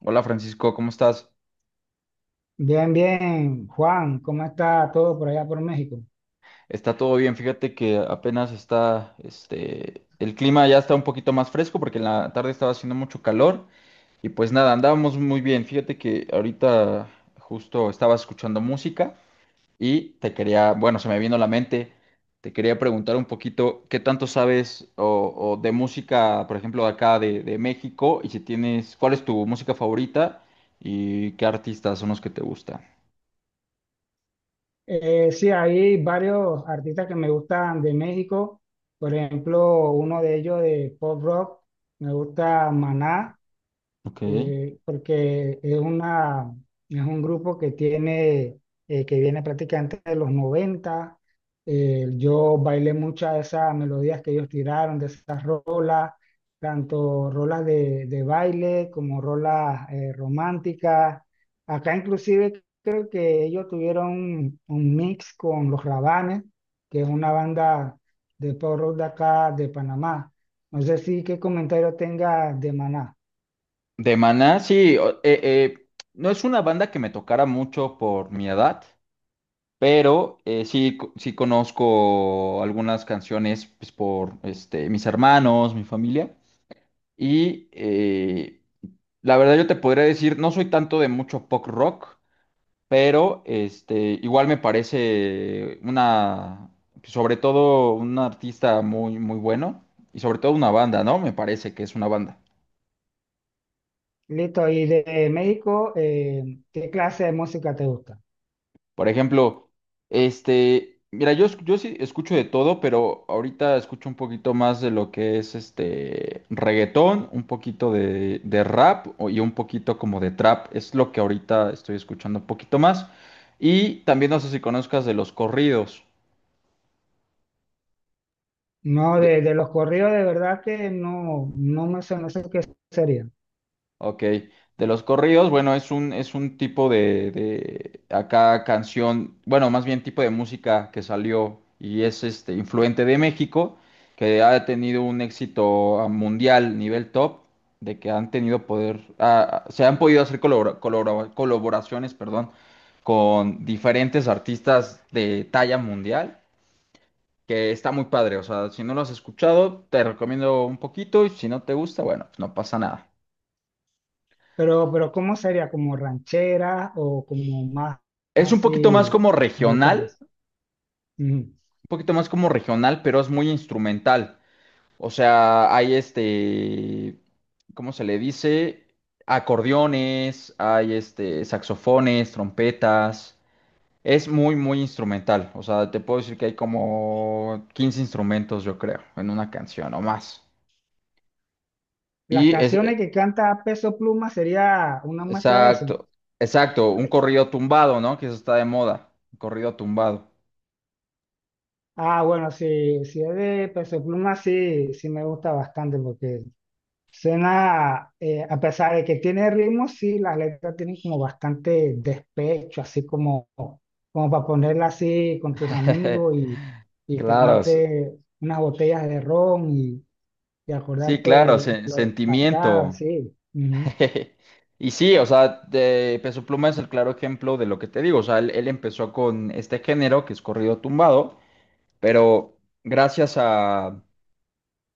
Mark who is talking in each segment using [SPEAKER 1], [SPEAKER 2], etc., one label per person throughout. [SPEAKER 1] Hola Francisco, ¿cómo estás?
[SPEAKER 2] Bien, bien, Juan, ¿cómo está todo por allá por México?
[SPEAKER 1] Está todo bien, fíjate que apenas está, el clima ya está un poquito más fresco porque en la tarde estaba haciendo mucho calor y pues nada, andábamos muy bien. Fíjate que ahorita justo estaba escuchando música y te quería, bueno, se me vino a la mente, te quería preguntar un poquito qué tanto sabes o de música, por ejemplo, de acá de México y si tienes, ¿cuál es tu música favorita y qué artistas son los que te gustan?
[SPEAKER 2] Sí, hay varios artistas que me gustan de México, por ejemplo, uno de ellos de pop rock, me gusta Maná,
[SPEAKER 1] Ok.
[SPEAKER 2] porque es un grupo que viene prácticamente de los 90. Yo bailé muchas de esas melodías que ellos tiraron, de esas rolas, tanto rolas de baile como rolas románticas. Acá inclusive creo que ellos tuvieron un mix con Los Rabanes, que es una banda de pop rock de acá, de Panamá. No sé si qué comentario tenga de Maná.
[SPEAKER 1] De Maná, sí, no es una banda que me tocara mucho por mi edad, pero sí, sí conozco algunas canciones pues, por mis hermanos, mi familia, y la verdad yo te podría decir, no soy tanto de mucho pop rock, pero igual me parece sobre todo un artista muy, muy bueno, y sobre todo una banda, ¿no? Me parece que es una banda.
[SPEAKER 2] Listo, y de México, ¿qué clase de música te gusta?
[SPEAKER 1] Por ejemplo, mira, yo, yo sí escucho de todo, pero ahorita escucho un poquito más de lo que es este reggaetón, un poquito de rap y un poquito como de trap. Es lo que ahorita estoy escuchando un poquito más. Y también no sé si conozcas de los corridos.
[SPEAKER 2] No, de los corridos de verdad que no, no sé qué sería.
[SPEAKER 1] Ok, de los corridos, bueno, es un tipo de acá canción, bueno, más bien tipo de música que salió y es este influente de México, que ha tenido un éxito a mundial, nivel top, de que han tenido poder, se han podido hacer colaboraciones, perdón, con diferentes artistas de talla mundial, que está muy padre, o sea, si no lo has escuchado, te recomiendo un poquito y si no te gusta, bueno, pues no pasa nada.
[SPEAKER 2] Pero, ¿cómo sería? ¿Como ranchera o como más
[SPEAKER 1] Es un poquito más
[SPEAKER 2] así
[SPEAKER 1] como
[SPEAKER 2] de
[SPEAKER 1] regional,
[SPEAKER 2] calles?
[SPEAKER 1] un
[SPEAKER 2] Ujú.
[SPEAKER 1] poquito más como regional, pero es muy instrumental. O sea, hay ¿cómo se le dice? Acordeones, hay saxofones, trompetas. Es muy, muy instrumental. O sea, te puedo decir que hay como 15 instrumentos, yo creo, en una canción o más.
[SPEAKER 2] Las
[SPEAKER 1] Y
[SPEAKER 2] canciones que canta Peso Pluma sería una muestra de eso.
[SPEAKER 1] exacto, exacto, un corrido tumbado, ¿no? Que eso está de moda, un corrido tumbado.
[SPEAKER 2] Ah, bueno, si es de Peso Pluma, sí, sí me gusta bastante porque cena a pesar de que tiene ritmo, sí, las letras tienen como bastante despecho, así como para ponerla así con tus amigos y
[SPEAKER 1] Claro.
[SPEAKER 2] tomarte unas botellas de ron y
[SPEAKER 1] Sí,
[SPEAKER 2] acordarte de,
[SPEAKER 1] claro,
[SPEAKER 2] de lo pasado,
[SPEAKER 1] sentimiento.
[SPEAKER 2] así. Ujú.
[SPEAKER 1] Y sí, o sea, de Peso Pluma es el claro ejemplo de lo que te digo. O sea, él empezó con este género que es corrido tumbado, pero gracias a,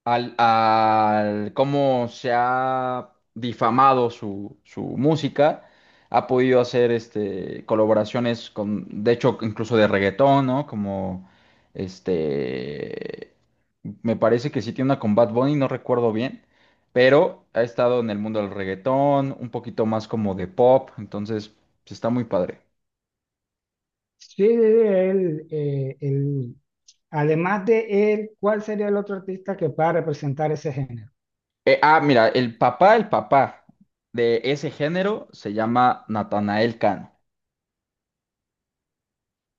[SPEAKER 1] al, al cómo se ha difamado su música, ha podido hacer colaboraciones con, de hecho, incluso de reggaetón, ¿no? Como este me parece que sí tiene una con Bad Bunny, no recuerdo bien, pero ha estado en el mundo del reggaetón, un poquito más como de pop, entonces pues, está muy padre.
[SPEAKER 2] Sí, sí, sí, además de él, ¿cuál sería el otro artista que pueda representar ese género?
[SPEAKER 1] Mira, el papá de ese género se llama Natanael Cano.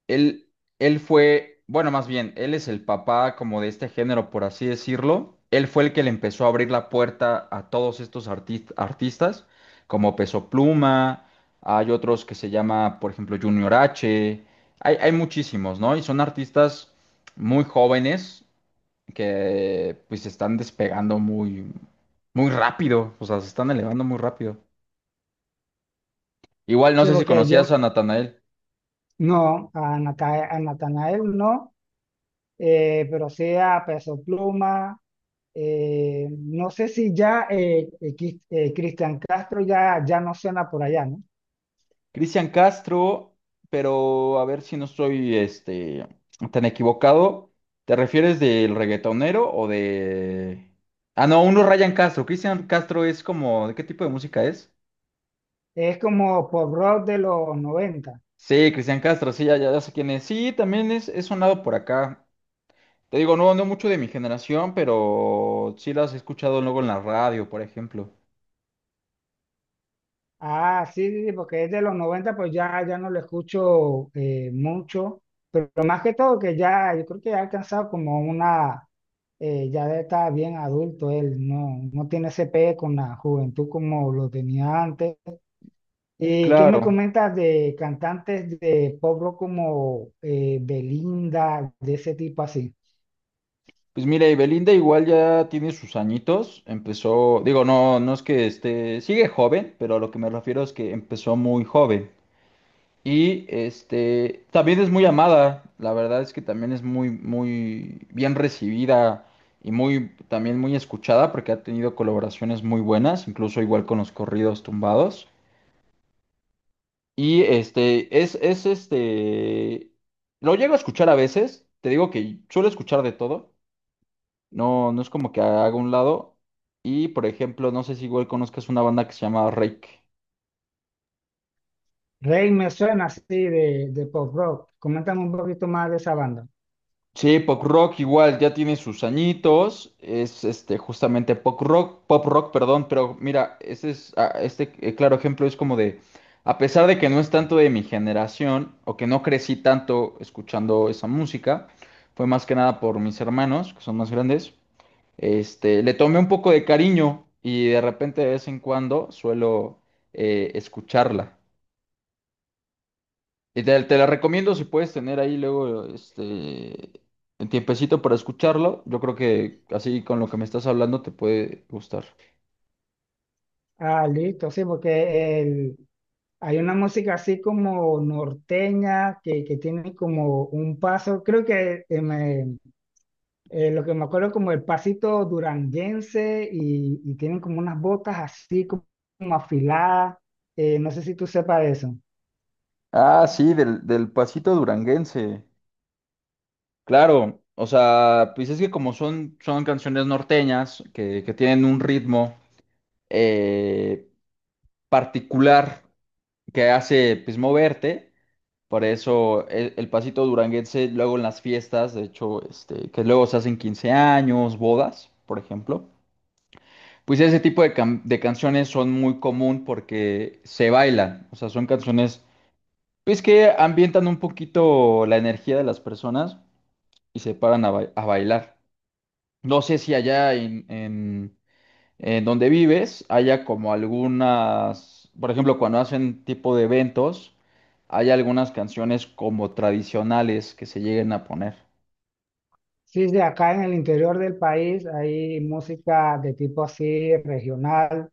[SPEAKER 1] Él, él fue, bueno, más bien, él es el papá como de este género, por así decirlo. Él fue el que le empezó a abrir la puerta a todos estos artistas, como Peso Pluma, hay otros que se llama, por ejemplo, Junior H, hay muchísimos, ¿no? Y son artistas muy jóvenes que pues se están despegando muy, muy rápido, o sea, se están elevando muy rápido. Igual no
[SPEAKER 2] Sí,
[SPEAKER 1] sé si
[SPEAKER 2] porque yo
[SPEAKER 1] conocías a Natanael.
[SPEAKER 2] no, a Natanael no, pero sí a Peso Pluma. No sé si ya Cristian Castro ya, ya no suena por allá, ¿no?
[SPEAKER 1] Cristian Castro, pero a ver si no estoy tan equivocado. ¿Te refieres del reggaetonero o de... Ah, no, uno es Ryan Castro. Cristian Castro es como... ¿De qué tipo de música es?
[SPEAKER 2] Es como pop rock de los 90.
[SPEAKER 1] Sí, Cristian Castro, sí, ya, ya, ya sé quién es. Sí, también es sonado por acá. Te digo, no, no mucho de mi generación, pero sí las he escuchado luego en la radio, por ejemplo.
[SPEAKER 2] Ah, sí, sí, sí, porque es de los 90, pues ya, ya no lo escucho mucho. Pero más que todo que yo creo que ya ha alcanzado como una, ya está bien adulto él, no, no tiene ese pegue con la juventud como lo tenía antes. ¿Qué me
[SPEAKER 1] Claro.
[SPEAKER 2] comentas de cantantes de pop rock como Belinda, de ese tipo así?
[SPEAKER 1] Pues mira, y Belinda igual ya tiene sus añitos, empezó, digo, no, no es que sigue joven, pero a lo que me refiero es que empezó muy joven. Y también es muy amada, la verdad es que también es muy, muy bien recibida y muy, también muy escuchada porque ha tenido colaboraciones muy buenas, incluso igual con los corridos tumbados. Y este, es, es este, lo llego a escuchar a veces, te digo que suelo escuchar de todo. No, no es como que haga un lado. Y por ejemplo, no sé si igual conozcas una banda que se llama Rake.
[SPEAKER 2] Rey me suena así de pop rock. Coméntame un poquito más de esa banda.
[SPEAKER 1] Sí, pop rock igual, ya tiene sus añitos. Es justamente pop rock, perdón, pero mira, es claro ejemplo es como de a pesar de que no es tanto de mi generación o que no crecí tanto escuchando esa música, fue más que nada por mis hermanos, que son más grandes. Le tomé un poco de cariño y de repente de vez en cuando suelo escucharla. Y te la recomiendo si puedes tener ahí luego un tiempecito para escucharlo. Yo creo que así con lo que me estás hablando te puede gustar.
[SPEAKER 2] Ah, listo, sí, porque hay una música así como norteña que tiene como un paso, creo que lo que me acuerdo como el pasito duranguense y tienen como unas botas así como afiladas. No sé si tú sepas de eso.
[SPEAKER 1] Ah, sí, del pasito duranguense. Claro, o sea, pues es que como son canciones norteñas que tienen un ritmo eh, particular que hace pues moverte, por eso el pasito duranguense luego en las fiestas, de hecho, que luego se hacen 15 años, bodas, por ejemplo. Pues ese tipo de canciones son muy común porque se bailan, o sea, son canciones pues que ambientan un poquito la energía de las personas y se paran a bailar. No sé si allá en donde vives haya como algunas, por ejemplo, cuando hacen tipo de eventos, hay algunas canciones como tradicionales que se lleguen a poner.
[SPEAKER 2] Sí, sí, acá en el interior del país hay música de tipo así regional,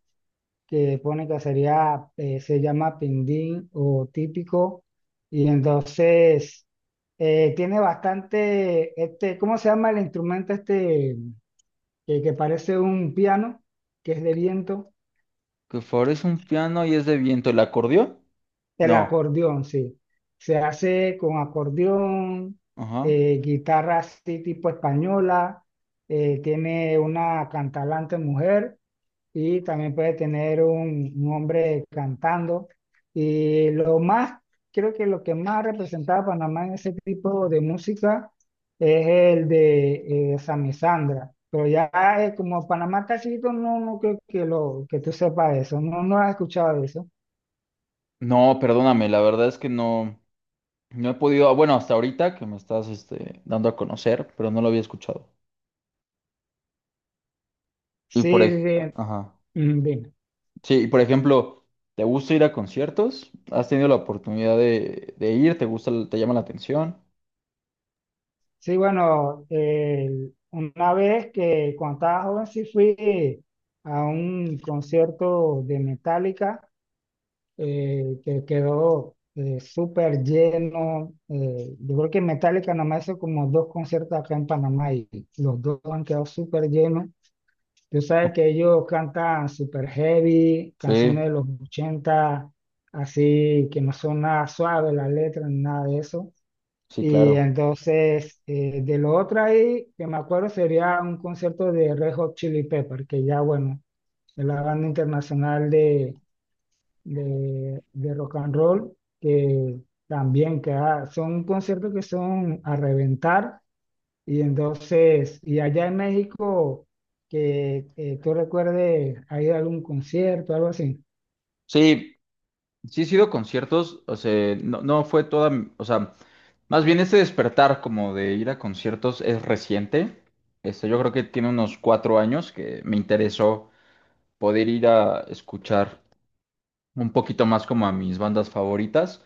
[SPEAKER 2] que pone que sería, se llama pindín o típico, y entonces tiene bastante, ¿cómo se llama el instrumento este que parece un piano, que es de viento?
[SPEAKER 1] Que favorece un piano y es de viento, ¿el acordeón?
[SPEAKER 2] El
[SPEAKER 1] No.
[SPEAKER 2] acordeón, sí. Se hace con acordeón,
[SPEAKER 1] Ajá.
[SPEAKER 2] guitarra así tipo española, tiene una cantalante mujer y también puede tener un hombre cantando. Y lo más, creo que lo que más representaba a Panamá en ese tipo de música es el de Sami Sandra. Pero ya, como Panamá está chiquito, no, no creo que tú sepas de eso, no, no has escuchado de eso.
[SPEAKER 1] No, perdóname, la verdad es que no. No he podido, bueno, hasta ahorita que me estás dando a conocer, pero no lo había escuchado. Y
[SPEAKER 2] Sí,
[SPEAKER 1] por, ej-
[SPEAKER 2] bien,
[SPEAKER 1] ajá.
[SPEAKER 2] mm, bien.
[SPEAKER 1] Sí, y por ejemplo, ¿te gusta ir a conciertos? ¿Has tenido la oportunidad de ir? ¿Te gusta, te llama la atención?
[SPEAKER 2] Sí, bueno, una vez que cuando estaba joven sí fui a un concierto de Metallica que quedó súper lleno. Yo creo que Metallica nada más hizo como dos conciertos acá en Panamá y los dos han quedado súper llenos. Tú sabes
[SPEAKER 1] Ok.
[SPEAKER 2] que ellos cantan súper heavy, canciones
[SPEAKER 1] Sí,
[SPEAKER 2] de los 80, así que no son nada suaves las letras ni nada de eso.
[SPEAKER 1] sí,
[SPEAKER 2] Y
[SPEAKER 1] claro.
[SPEAKER 2] entonces, de lo otro ahí, que me acuerdo, sería un concierto de Red Hot Chili Pepper, que ya, bueno, es la banda internacional de rock and roll, que también que son conciertos que son a reventar. Y entonces, y allá en México, que tú recuerdes, ¿hay algún concierto, algo así?
[SPEAKER 1] Sí, sí he sido a conciertos, o sea, no, no fue toda, o sea, más bien este despertar como de ir a conciertos es reciente. Yo creo que tiene unos 4 años que me interesó poder ir a escuchar un poquito más como a mis bandas favoritas.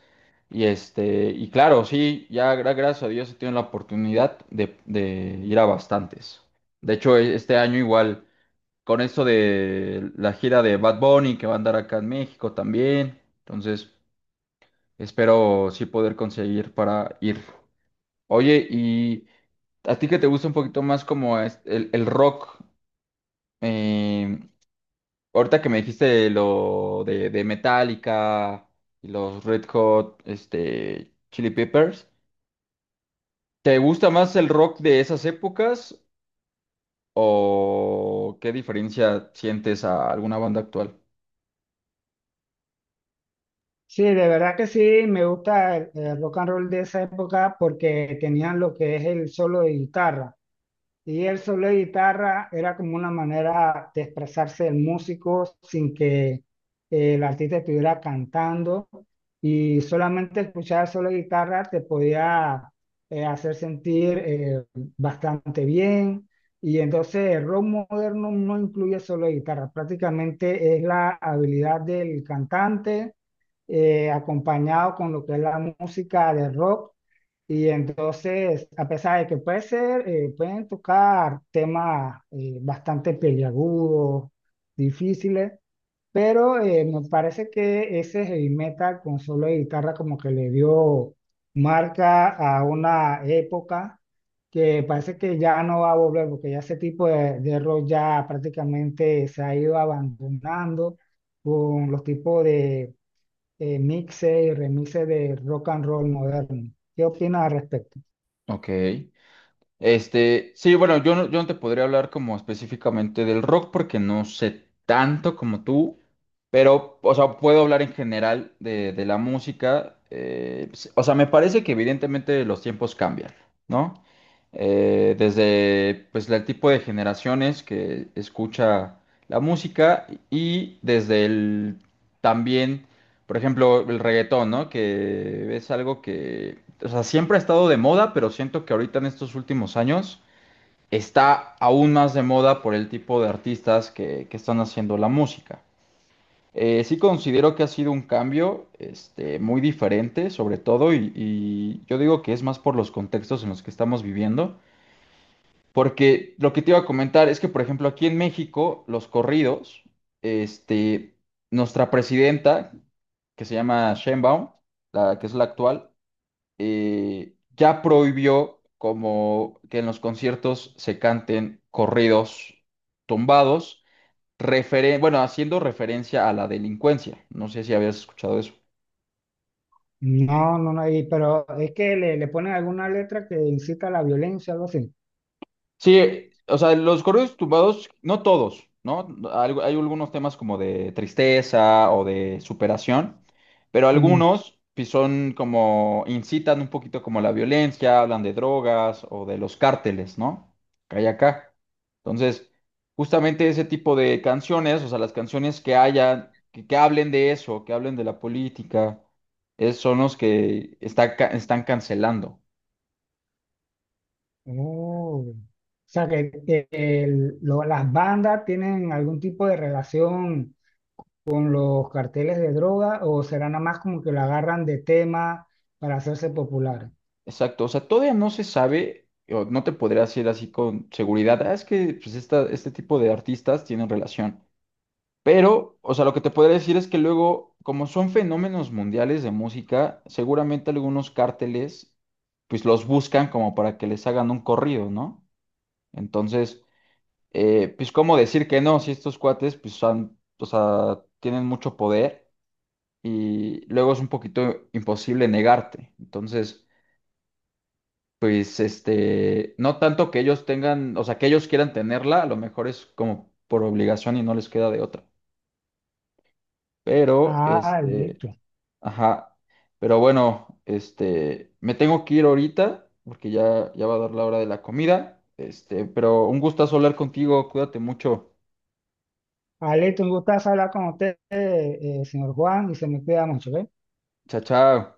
[SPEAKER 1] Y claro, sí, ya gracias a Dios he tenido la oportunidad de ir a bastantes. De hecho, este año igual, con esto de la gira de Bad Bunny que va a andar acá en México también. Entonces, espero sí poder conseguir para ir. Oye, y a ti que te gusta un poquito más como el rock. em, Ahorita que me dijiste lo de Metallica y los Red Hot, Chili Peppers, ¿te gusta más el rock de esas épocas o qué diferencia sientes a alguna banda actual?
[SPEAKER 2] Sí, de verdad que sí, me gusta el rock and roll de esa época porque tenían lo que es el solo de guitarra. Y el solo de guitarra era como una manera de expresarse el músico sin que el artista estuviera cantando y solamente escuchar el solo de guitarra te podía hacer sentir bastante bien. Y entonces el rock moderno no incluye solo de guitarra, prácticamente es la habilidad del cantante acompañado con lo que es la música de rock. Y entonces, a pesar de que pueden tocar temas bastante peliagudos, difíciles, pero me parece que ese heavy metal con solo de guitarra como que le dio marca a una época que parece que ya no va a volver, porque ya ese tipo de rock ya prácticamente se ha ido abandonando con los tipos de mixes y remixes de rock and roll moderno. ¿Qué opinas al respecto?
[SPEAKER 1] Ok. Sí, bueno, yo no te podría hablar como específicamente del rock porque no sé tanto como tú, pero, o sea, puedo hablar en general de la música. O sea, me parece que evidentemente los tiempos cambian, ¿no? Desde, pues, el tipo de generaciones que escucha la música y desde el también por ejemplo, el reggaetón, ¿no? Que es algo que, o sea, siempre ha estado de moda, pero siento que ahorita en estos últimos años está aún más de moda por el tipo de artistas que están haciendo la música. Sí considero que ha sido un cambio, muy diferente, sobre todo, y yo digo que es más por los contextos en los que estamos viviendo. Porque lo que te iba a comentar es que, por ejemplo, aquí en México, los corridos, este, nuestra presidenta, que se llama Sheinbaum, la que es la actual, ya prohibió como que en los conciertos se canten corridos tumbados, bueno, haciendo referencia a la delincuencia. No sé si habías escuchado eso.
[SPEAKER 2] No, no, no, pero es que le ponen alguna letra que incita a la violencia, algo así.
[SPEAKER 1] Sí, o sea, los corridos tumbados, no todos, ¿no? Hay algunos temas como de tristeza o de superación, pero
[SPEAKER 2] Mm.
[SPEAKER 1] algunos sí son como, incitan un poquito como la violencia, hablan de drogas o de los cárteles, ¿no? Que hay acá. Entonces, justamente ese tipo de canciones, o sea, las canciones que haya, que hablen de eso, que hablen de la política, son los que está están cancelando.
[SPEAKER 2] Oh. O sea, que las bandas tienen algún tipo de relación con los carteles de droga, ¿o será nada más como que lo agarran de tema para hacerse populares?
[SPEAKER 1] Exacto, o sea, todavía no se sabe, o no te podría decir así con seguridad, "Ah, es que pues, este tipo de artistas tienen relación. Pero, o sea, lo que te podría decir es que luego, como son fenómenos mundiales de música, seguramente algunos cárteles, pues los buscan como para que les hagan un corrido, ¿no? Entonces, pues, ¿cómo decir que no? Si estos cuates, pues, han, o sea, tienen mucho poder y luego es un poquito imposible negarte. Entonces... Pues no tanto que ellos tengan, o sea, que ellos quieran tenerla, a lo mejor es como por obligación y no les queda de otra. Pero,
[SPEAKER 2] Ah, listo.
[SPEAKER 1] ajá, pero bueno, me tengo que ir ahorita porque ya va a dar la hora de la comida. Pero un gustazo hablar contigo, cuídate mucho.
[SPEAKER 2] Ah, listo, un gustazo hablar con usted, señor Juan, y se me cuida mucho, ¿eh?
[SPEAKER 1] Chao, chao.